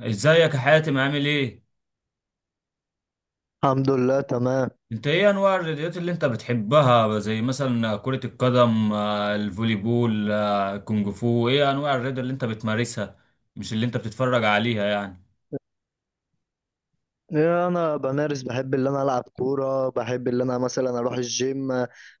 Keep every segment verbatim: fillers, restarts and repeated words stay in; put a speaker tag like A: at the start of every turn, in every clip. A: ازيك يا حاتم؟ عامل ايه؟
B: الحمد لله تمام.
A: انت ايه انواع الرياضات اللي انت بتحبها؟ زي مثلا كرة القدم، آه، الفولي بول، آه، الكونج فو. ايه انواع الرياضة اللي انت بتمارسها؟ مش اللي انت بتتفرج عليها يعني.
B: إيه، انا بمارس بحب اللي انا العب كوره بحب اللي انا مثلا اروح الجيم،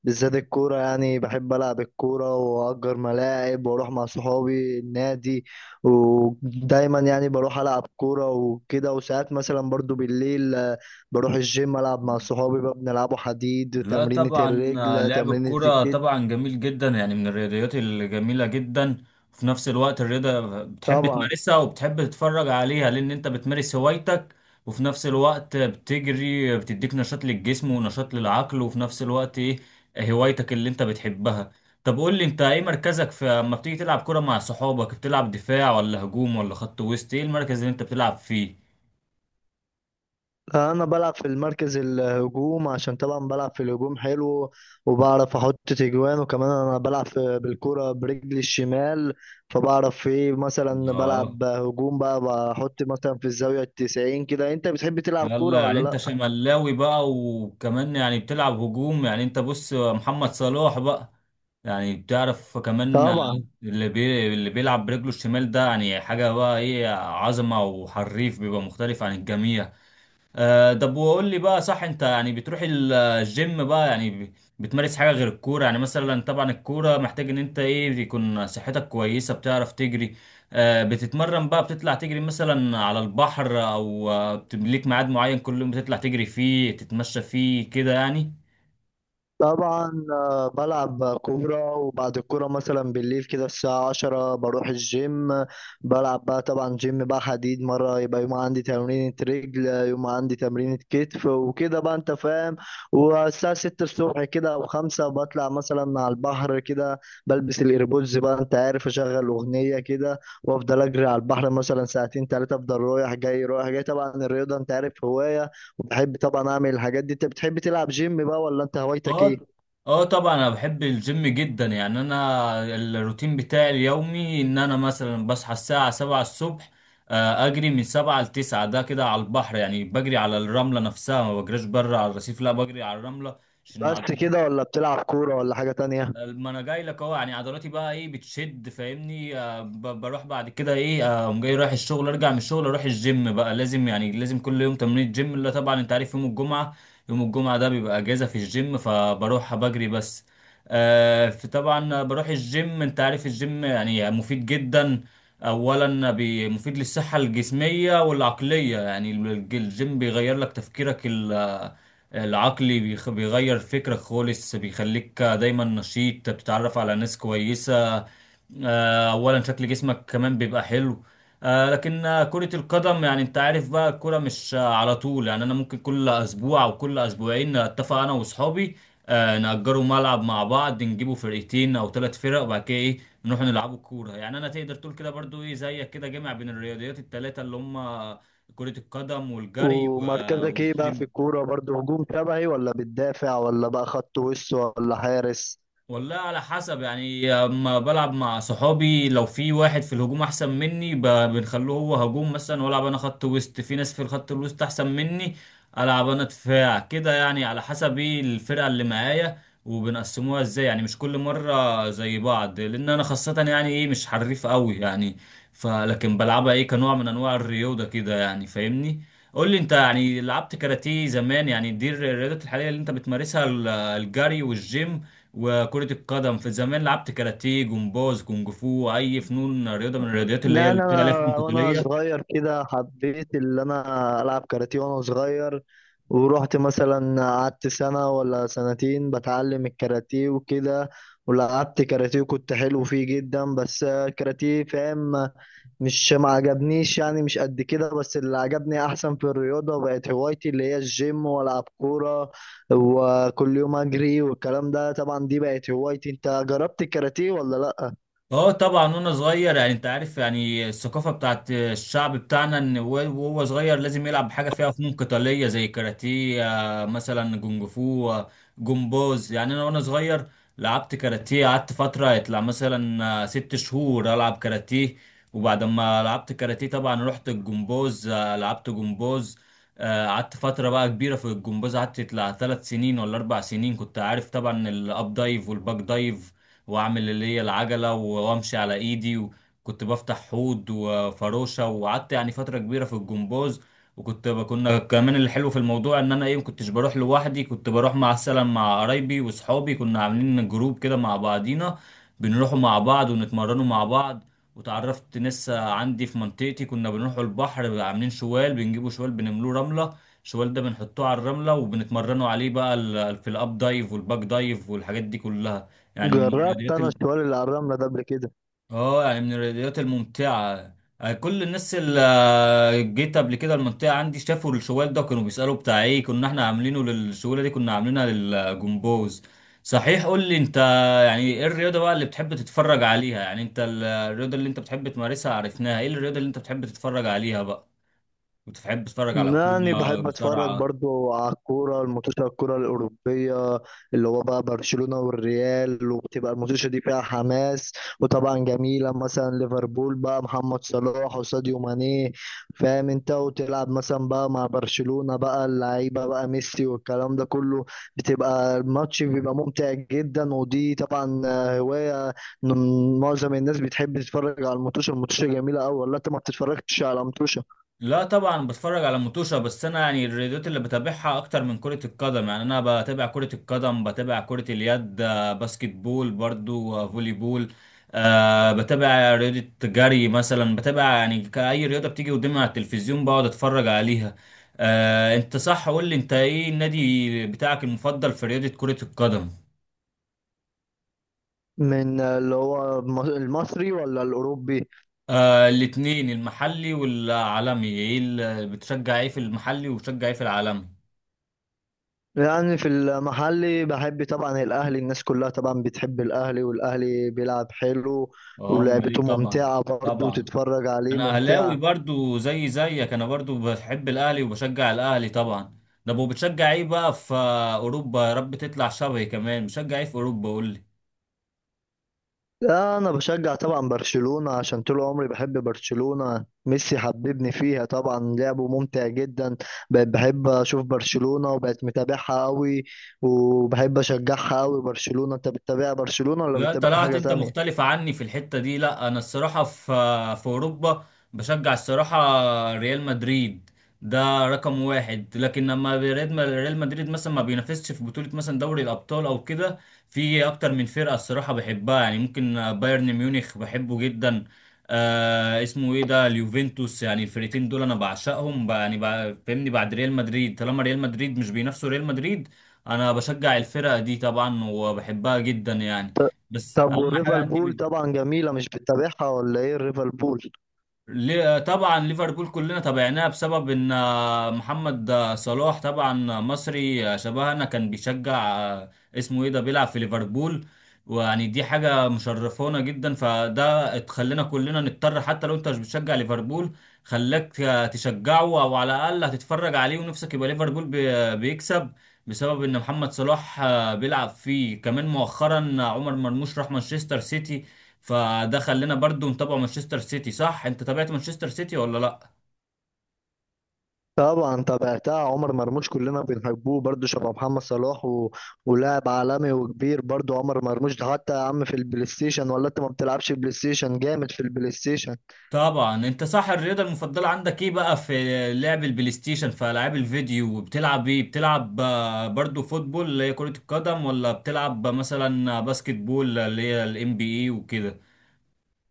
B: بالذات الكوره. يعني بحب العب الكوره واجر ملاعب واروح مع صحابي النادي، ودايما يعني بروح العب كوره وكده، وساعات مثلا برضو بالليل آه، بروح الجيم، العب مع صحابي بقى، بنلعبوا حديد،
A: لا
B: تمرينة
A: طبعا، آه،
B: الرجل،
A: لعب
B: تمرينة
A: الكرة
B: الكتف.
A: طبعا جميل جدا، يعني من الرياضيات الجميلة جدا. في نفس الوقت الرياضة بتحب
B: طبعا
A: تمارسها وبتحب تتفرج عليها، لأن أنت بتمارس هوايتك، وفي نفس الوقت بتجري، بتديك نشاط للجسم ونشاط للعقل، وفي نفس الوقت إيه، هوايتك اللي أنت بتحبها. طب قول لي أنت، إيه مركزك؟ في أما بتيجي تلعب كرة مع صحابك، بتلعب دفاع ولا هجوم ولا خط وسط؟ إيه المركز اللي أنت بتلعب فيه؟
B: انا بلعب في المركز الهجوم، عشان طبعا بلعب في الهجوم حلو وبعرف احط تجوان، وكمان انا بلعب في- بالكرة برجلي الشمال، فبعرف ايه مثلا
A: آه.
B: بلعب هجوم بقى، بحط مثلا في الزاوية التسعين كده. انت بتحب تلعب
A: يلا
B: كورة ولا
A: يعني انت
B: لا؟
A: شملاوي بقى، وكمان يعني بتلعب هجوم. يعني انت بص، محمد صلاح بقى. يعني بتعرف كمان
B: طبعا.
A: اللي بي اللي بيلعب برجله الشمال ده يعني حاجة بقى، ايه، عظمة وحريف، بيبقى مختلف عن الجميع. آه، طب وقول لي بقى، صح انت يعني بتروح ال- الجيم بقى، يعني ب- بتمارس حاجة غير الكورة؟ يعني مثلا طبعا الكورة محتاج ان انت ايه، يكون صحتك كويسة، بتعرف تجري، آه، بتتمرن بقى، بتطلع تجري مثلا على البحر؟ او آه، بت- ليك ميعاد معين كل يوم بتطلع تجري فيه، تتمشى فيه كده يعني.
B: طبعا آه، بلعب كورة، وبعد الكورة مثلا بالليل كده الساعة عشرة بروح الجيم، بلعب بقى طبعا جيم بقى حديد، مرة يبقى يوم عندي تمرينة رجل، يوم عندي تمرينة كتف وكده بقى، انت فاهم. والساعة ستة الصبح كده أو خمسة بطلع مثلا على البحر كده، بلبس الإيربودز بقى، انت عارف، أشغل أغنية كده وأفضل أجري على البحر مثلا ساعتين تلاتة، أفضل رايح جاي رايح جاي. طبعا الرياضة انت عارف هواية، وبحب طبعا أعمل الحاجات دي. انت بتحب تلعب جيم بقى ولا انت هوايتك ايه؟
A: اه. اه طبعا انا بحب الجيم جدا. يعني انا الروتين بتاعي اليومي ان انا مثلا بصحى الساعة سبعة الصبح، آه، اجري من سبعة لتسعة، ده كده على البحر، يعني بجري على الرملة نفسها، ما بجريش بره على الرصيف، لا بجري على الرملة عشان
B: بس
A: عضلات.
B: كده ولا بتلعب كورة ولا حاجة تانية؟
A: ما انا جاي لك اهو. يعني عضلاتي بقى ايه بتشد، فاهمني؟ آه، ب- بروح بعد كده ايه، آه، اقوم جاي رايح الشغل، ارجع من الشغل اروح الجيم بقى. لازم يعني لازم كل يوم تمرين الجيم، اللي طبعا انت عارف يوم الجمعة، يوم الجمعة ده بيبقى اجازة في الجيم، فبروح بجري بس. آه، فطبعا بروح الجيم. انت عارف الجيم يعني مفيد جدا. اولا بي- مفيد للصحة الجسمية والعقلية. يعني الج- الجيم بيغير لك تفكيرك ال العقلي، بيخ- بيغير فكرك خالص، بيخليك دايما نشيط، بتتعرف على ناس كويسة. آه، اولا شكل جسمك كمان بيبقى حلو. آه، لكن آه، كرة القدم يعني انت عارف بقى، الكرة مش آه، على طول. يعني انا ممكن كل اسبوع او كل اسبوعين اتفق انا واصحابي، آه، نأجروا ملعب مع بعض، نجيبوا فرقتين او ثلاث فرق، وبعد كده ايه نروح نلعبوا كورة. يعني انا تقدر تقول كده برضو ايه، زيك كده، جامع بين الرياضيات الثلاثة اللي هم كرة القدم والجري و-
B: ومركزك ايه بقى في
A: والجيم.
B: الكورة؟ برضو هجوم شبهي ولا بتدافع ولا بقى خط وش ولا حارس؟
A: والله على حسب. يعني اما بلعب مع صحابي، لو في واحد في الهجوم احسن مني ب- بنخلوه هو هجوم مثلا، والعب انا خط وسط. في ناس في الخط الوسط احسن مني، العب انا دفاع كده. يعني على حسب ايه الفرقه اللي معايا، وبنقسموها ازاي. يعني مش كل مره زي بعض، لان انا خاصه يعني ايه، مش حريف قوي يعني، فلكن بلعبها ايه، كنوع من انواع الرياضه كده يعني، فاهمني؟ قول لي انت، يعني لعبت كاراتيه زمان؟ يعني دي الرياضات الحاليه اللي انت بتمارسها، ال- الجري والجيم وكرة القدم. في زمان لعبت كاراتيه، جمباز، كونج فو، أي فنون رياضة من الرياضيات اللي هي
B: لا
A: اللي
B: انا،
A: بتلعب عليها فنون
B: أنا- وانا
A: قتالية؟
B: صغير كده حبيت اللي انا العب كاراتيه وانا صغير، ورحت مثلا قعدت سنة ولا سنتين بتعلم الكاراتيه وكده، ولعبت كاراتيه وكنت حلو فيه جدا. بس الكاراتيه، فاهم، مش ما عجبنيش يعني، مش قد كده، بس اللي عجبني احسن في الرياضة بقت هوايتي اللي هي الجيم والعب كورة وكل يوم اجري والكلام ده. طبعا دي بقت هوايتي. انت جربت الكاراتيه ولا لا؟
A: اه طبعا وانا صغير. يعني انت عارف، يعني الثقافه بتاعت الشعب بتاعنا ان هو- وهو صغير لازم يلعب حاجه فيها فنون قتاليه، زي كاراتيه، آه، مثلا جونج فو، آه، جمباز. يعني انا وانا صغير لعبت كاراتيه، قعدت فتره يطلع مثلا آه، ست شهور العب كاراتيه. وبعد ما لعبت كاراتيه طبعا رحت الجمباز، آه، لعبت جمباز، آه، قعدت فترة بقى كبيرة في الجمباز. قعدت يطلع ثلاث سنين ولا أربع سنين. كنت عارف طبعا الأب دايف والباك دايف، واعمل اللي هي العجله، وامشي على ايدي، وكنت بفتح حوض وفروشه. وقعدت يعني فتره كبيره في الجمباز. وكنت ب- كنا كمان اللي حلو في الموضوع ان انا ايه، ما كنتش بروح لوحدي، كنت بروح مع السلام مع قرايبي واصحابي. كنا عاملين جروب كده مع بعضينا، بنروحوا مع بعض ونتمرنوا مع بعض. وتعرفت ناس عندي في منطقتي. كنا بنروحوا البحر عاملين شوال، بنجيبوا شوال بنملوه رملة، الشوال ده بنحطوه على الرملة وبنتمرنوا عليه بقى، ال- في الاب دايف والباك دايف والحاجات دي كلها. يعني من
B: جربت
A: الرياضيات
B: انا
A: ال...
B: شوال العراملة ده قبل كده؟
A: اه يعني من الرياضيات الممتعة. آه، كل الناس اللي آه، جيت قبل كده المنطقة عندي شافوا الشوال ده كانوا بيسألوا بتاع ايه. كنا احنا عاملينه للشوالة دي، كنا عاملينها للجمبوز. صحيح، قول لي انت، يعني ايه الرياضة بقى اللي بتحب تتفرج عليها؟ يعني انت ال- الرياضة اللي انت بتحب تمارسها عرفناها، ايه الرياضة اللي انت بتحب تتفرج عليها بقى؟ بتحب تتفرج على
B: يعني
A: كورة،
B: بحب اتفرج
A: مصارعة؟
B: برضو على الكوره، الماتشات الكوره الاوروبيه، اللي هو بقى برشلونه والريال، وبتبقى الماتشات دي فيها حماس وطبعا جميله. مثلا ليفربول بقى محمد صلاح وساديو ماني، فاهم انت، وتلعب مثلا بقى مع برشلونه بقى، اللعيبه بقى ميسي والكلام ده كله، بتبقى الماتش بيبقى ممتع جدا. ودي طبعا آه، هوايه إن معظم الناس بتحب تتفرج على الماتش. الماتش جميله قوي، ولا انت ما بتتفرجش على ماتش؟
A: لا طبعا بتفرج على متوشة. بس انا يعني الرياضات اللي بتابعها اكتر من كرة القدم، يعني انا بتابع كرة القدم، بتابع كرة اليد، آه، باسكت بول برضو، آه، فولي بول. أه بتابع رياضة جري مثلا، بتابع يعني كأي رياضة بتيجي قدامي على التلفزيون بقعد اتفرج عليها. أه انت صح. قول لي انت، ايه النادي بتاعك المفضل في رياضة كرة القدم؟
B: من اللي هو الم- المصري ولا الأوروبي؟
A: أه الاتنين، المحلي والعالمي. ايه اللي بتشجع، ايه في المحلي وبتشجع ايه في العالمي؟
B: يعني في المحلي بحب طبعا الأهلي، الناس كلها طبعا بتحب الأهلي، والأهلي بيلعب حلو
A: اه امال
B: ولعبته
A: ايه طبعا.
B: ممتعة برضه
A: طبعا
B: وتتفرج عليه
A: انا اهلاوي
B: ممتعة.
A: برضو زي زيك، انا برضو بحب الاهلي وبشجع الاهلي طبعا. ده بو بتشجع ايه بقى في اوروبا؟ يا رب تطلع شبهي كمان. بشجع ايه في اوروبا؟ قول لي.
B: لا، أنا بشجع طبعا برشلونة، عشان طول عمري بحب برشلونة، ميسي حببني فيها، طبعا لعبه ممتع جدا، بقيت بحب أشوف برشلونة وبقيت متابعها قوي وبحب أشجعها قوي برشلونة. أنت بتتابع برشلونة ولا
A: لا
B: بتتابع
A: طلعت
B: حاجة
A: انت
B: تانية؟
A: مختلف عني في الحتة دي. لا انا الصراحة في في اوروبا بشجع الصراحة ريال مدريد، ده رقم واحد. لكن لما ريال ريال مدريد مثلا ما بينافسش في بطولة مثلا دوري الابطال او كده، في اكتر من فرقة الصراحة بحبها. يعني ممكن بايرن ميونخ بحبه جدا، آه اسمه ايه ده، اليوفنتوس. يعني الفرقتين دول انا بعشقهم بقى، يعني بقى فاهمني بعد ريال مدريد، طالما ريال مدريد مش بينافسوا ريال مدريد انا بشجع الفرقة دي طبعا وبحبها جدا يعني. بس
B: طب
A: اهم حاجه
B: والريفر
A: عندي
B: بول؟
A: مين.
B: طبعا جميلة، مش بتتابعها ولا ايه الريفر بول؟
A: ليه- طبعا ليفربول كلنا تابعناها بسبب ان آه، محمد آه، صلاح طبعا آه، مصري، آه، شبهنا كان بيشجع، آه، اسمه ايه ده، بيلعب في ليفربول. ويعني دي حاجه مشرفونا جدا، فده اتخلينا كلنا نضطر حتى لو انت مش بتشجع ليفربول خلاك تشجعه، او على الاقل هتتفرج عليه ونفسك يبقى ليفربول بي- بيكسب بسبب ان محمد صلاح آه، بيلعب فيه. كمان مؤخرا آه، عمر مرموش راح مانشستر سيتي، فده خلينا برضو نتابع مانشستر سيتي. صح انت تابعت مانشستر سيتي ولا لا؟
B: طبعا تابعتها، عمر مرموش كلنا بنحبوه برضو شبه محمد صلاح و... ولاعب عالمي وكبير برضو عمر مرموش ده، حتى يا عم في البلاي ستيشن، ولا انت ما بتلعبش بلاي ستيشن؟ جامد في البلاي ستيشن.
A: طبعا انت صح. الرياضه المفضله عندك ايه بقى في لعب البلاي ستيشن؟ في العاب الفيديو وبتلعب ايه؟ بتلعب آه، برضو فوتبول اللي هي كره القدم، ولا بتلعب مثلا باسكت بول اللي هي الام بي اي وكده؟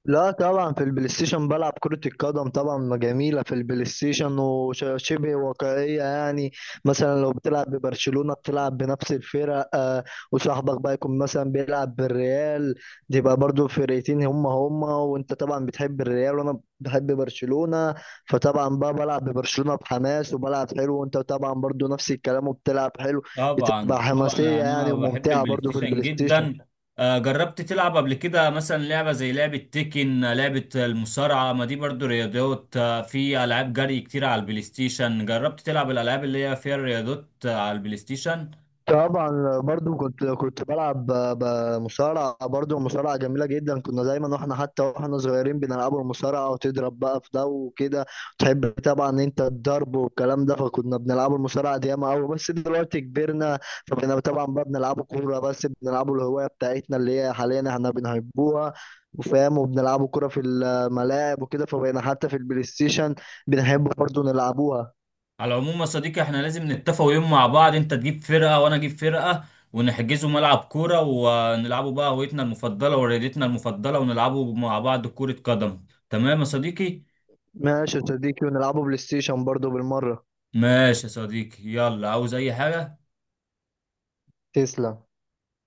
B: لا طبعا، في البلاي ستيشن بلعب كرة القدم، طبعا جميلة في البلاي ستيشن وشبه واقعية يعني. مثلا لو بتلعب ببرشلونة بتلعب بنفس الفرق آه، وصاحبك بقى يكون مثلا بيلعب بالريال، تبقى برضو فرقتين هما هما، وانت طبعا بتحب الريال وانا بحب برشلونة، فطبعا بقى بلعب ببرشلونة بحماس وبلعب حلو، وانت طبعا برضو نفس الكلام وبتلعب حلو،
A: طبعا
B: بتبقى
A: طبعا
B: حماسية
A: يعني
B: يعني
A: انا بحب
B: وممتعة
A: البلاي
B: برضو في
A: ستيشن
B: البلاي ستيشن.
A: جدا. آه، جربت تلعب قبل كده مثلا لعبه زي لعبه تيكن، آه، لعبه المصارعه؟ ما دي برضو رياضات. آه، في العاب جري كتير على البلاي ستيشن. جربت تلعب الالعاب اللي هي فيها الرياضات آه، على البلاي ستيشن؟
B: طبعا برضو كنت كنت بلعب ب- بمصارعة، برضو مصارعة جميلة جدا، كنا دايما واحنا حتى واحنا صغيرين بنلعبوا المصارعة وتضرب بقى في ده وكده، تحب طبعا انت الضرب والكلام ده، فكنا بنلعبوا المصارعة دي ياما قوي. بس دلوقتي كبرنا فبقينا طبعا بقى بنلعبوا كورة بس، بنلعبوا الهواية بتاعتنا اللي هي حاليا احنا بنحبوها وفاهم، وبنلعبوا كورة في الملاعب وكده. فبقينا حتى في البلاي ستيشن بنحب برضو نلعبوها.
A: على العموم يا صديقي، احنا لازم نتفق يوم مع بعض، انت تجيب فرقه وانا اجيب فرقه، ونحجزوا ملعب كوره، ونلعبوا بقى هويتنا المفضله ورياضتنا المفضله، ونلعبوا مع بعض كره قدم. تمام يا صديقي؟
B: ماشي يا صديقي، ونلعبوا بلاي ستيشن برضو بالمرة.
A: ماشي يا صديقي، يلا، عاوز اي حاجه؟
B: تسلم.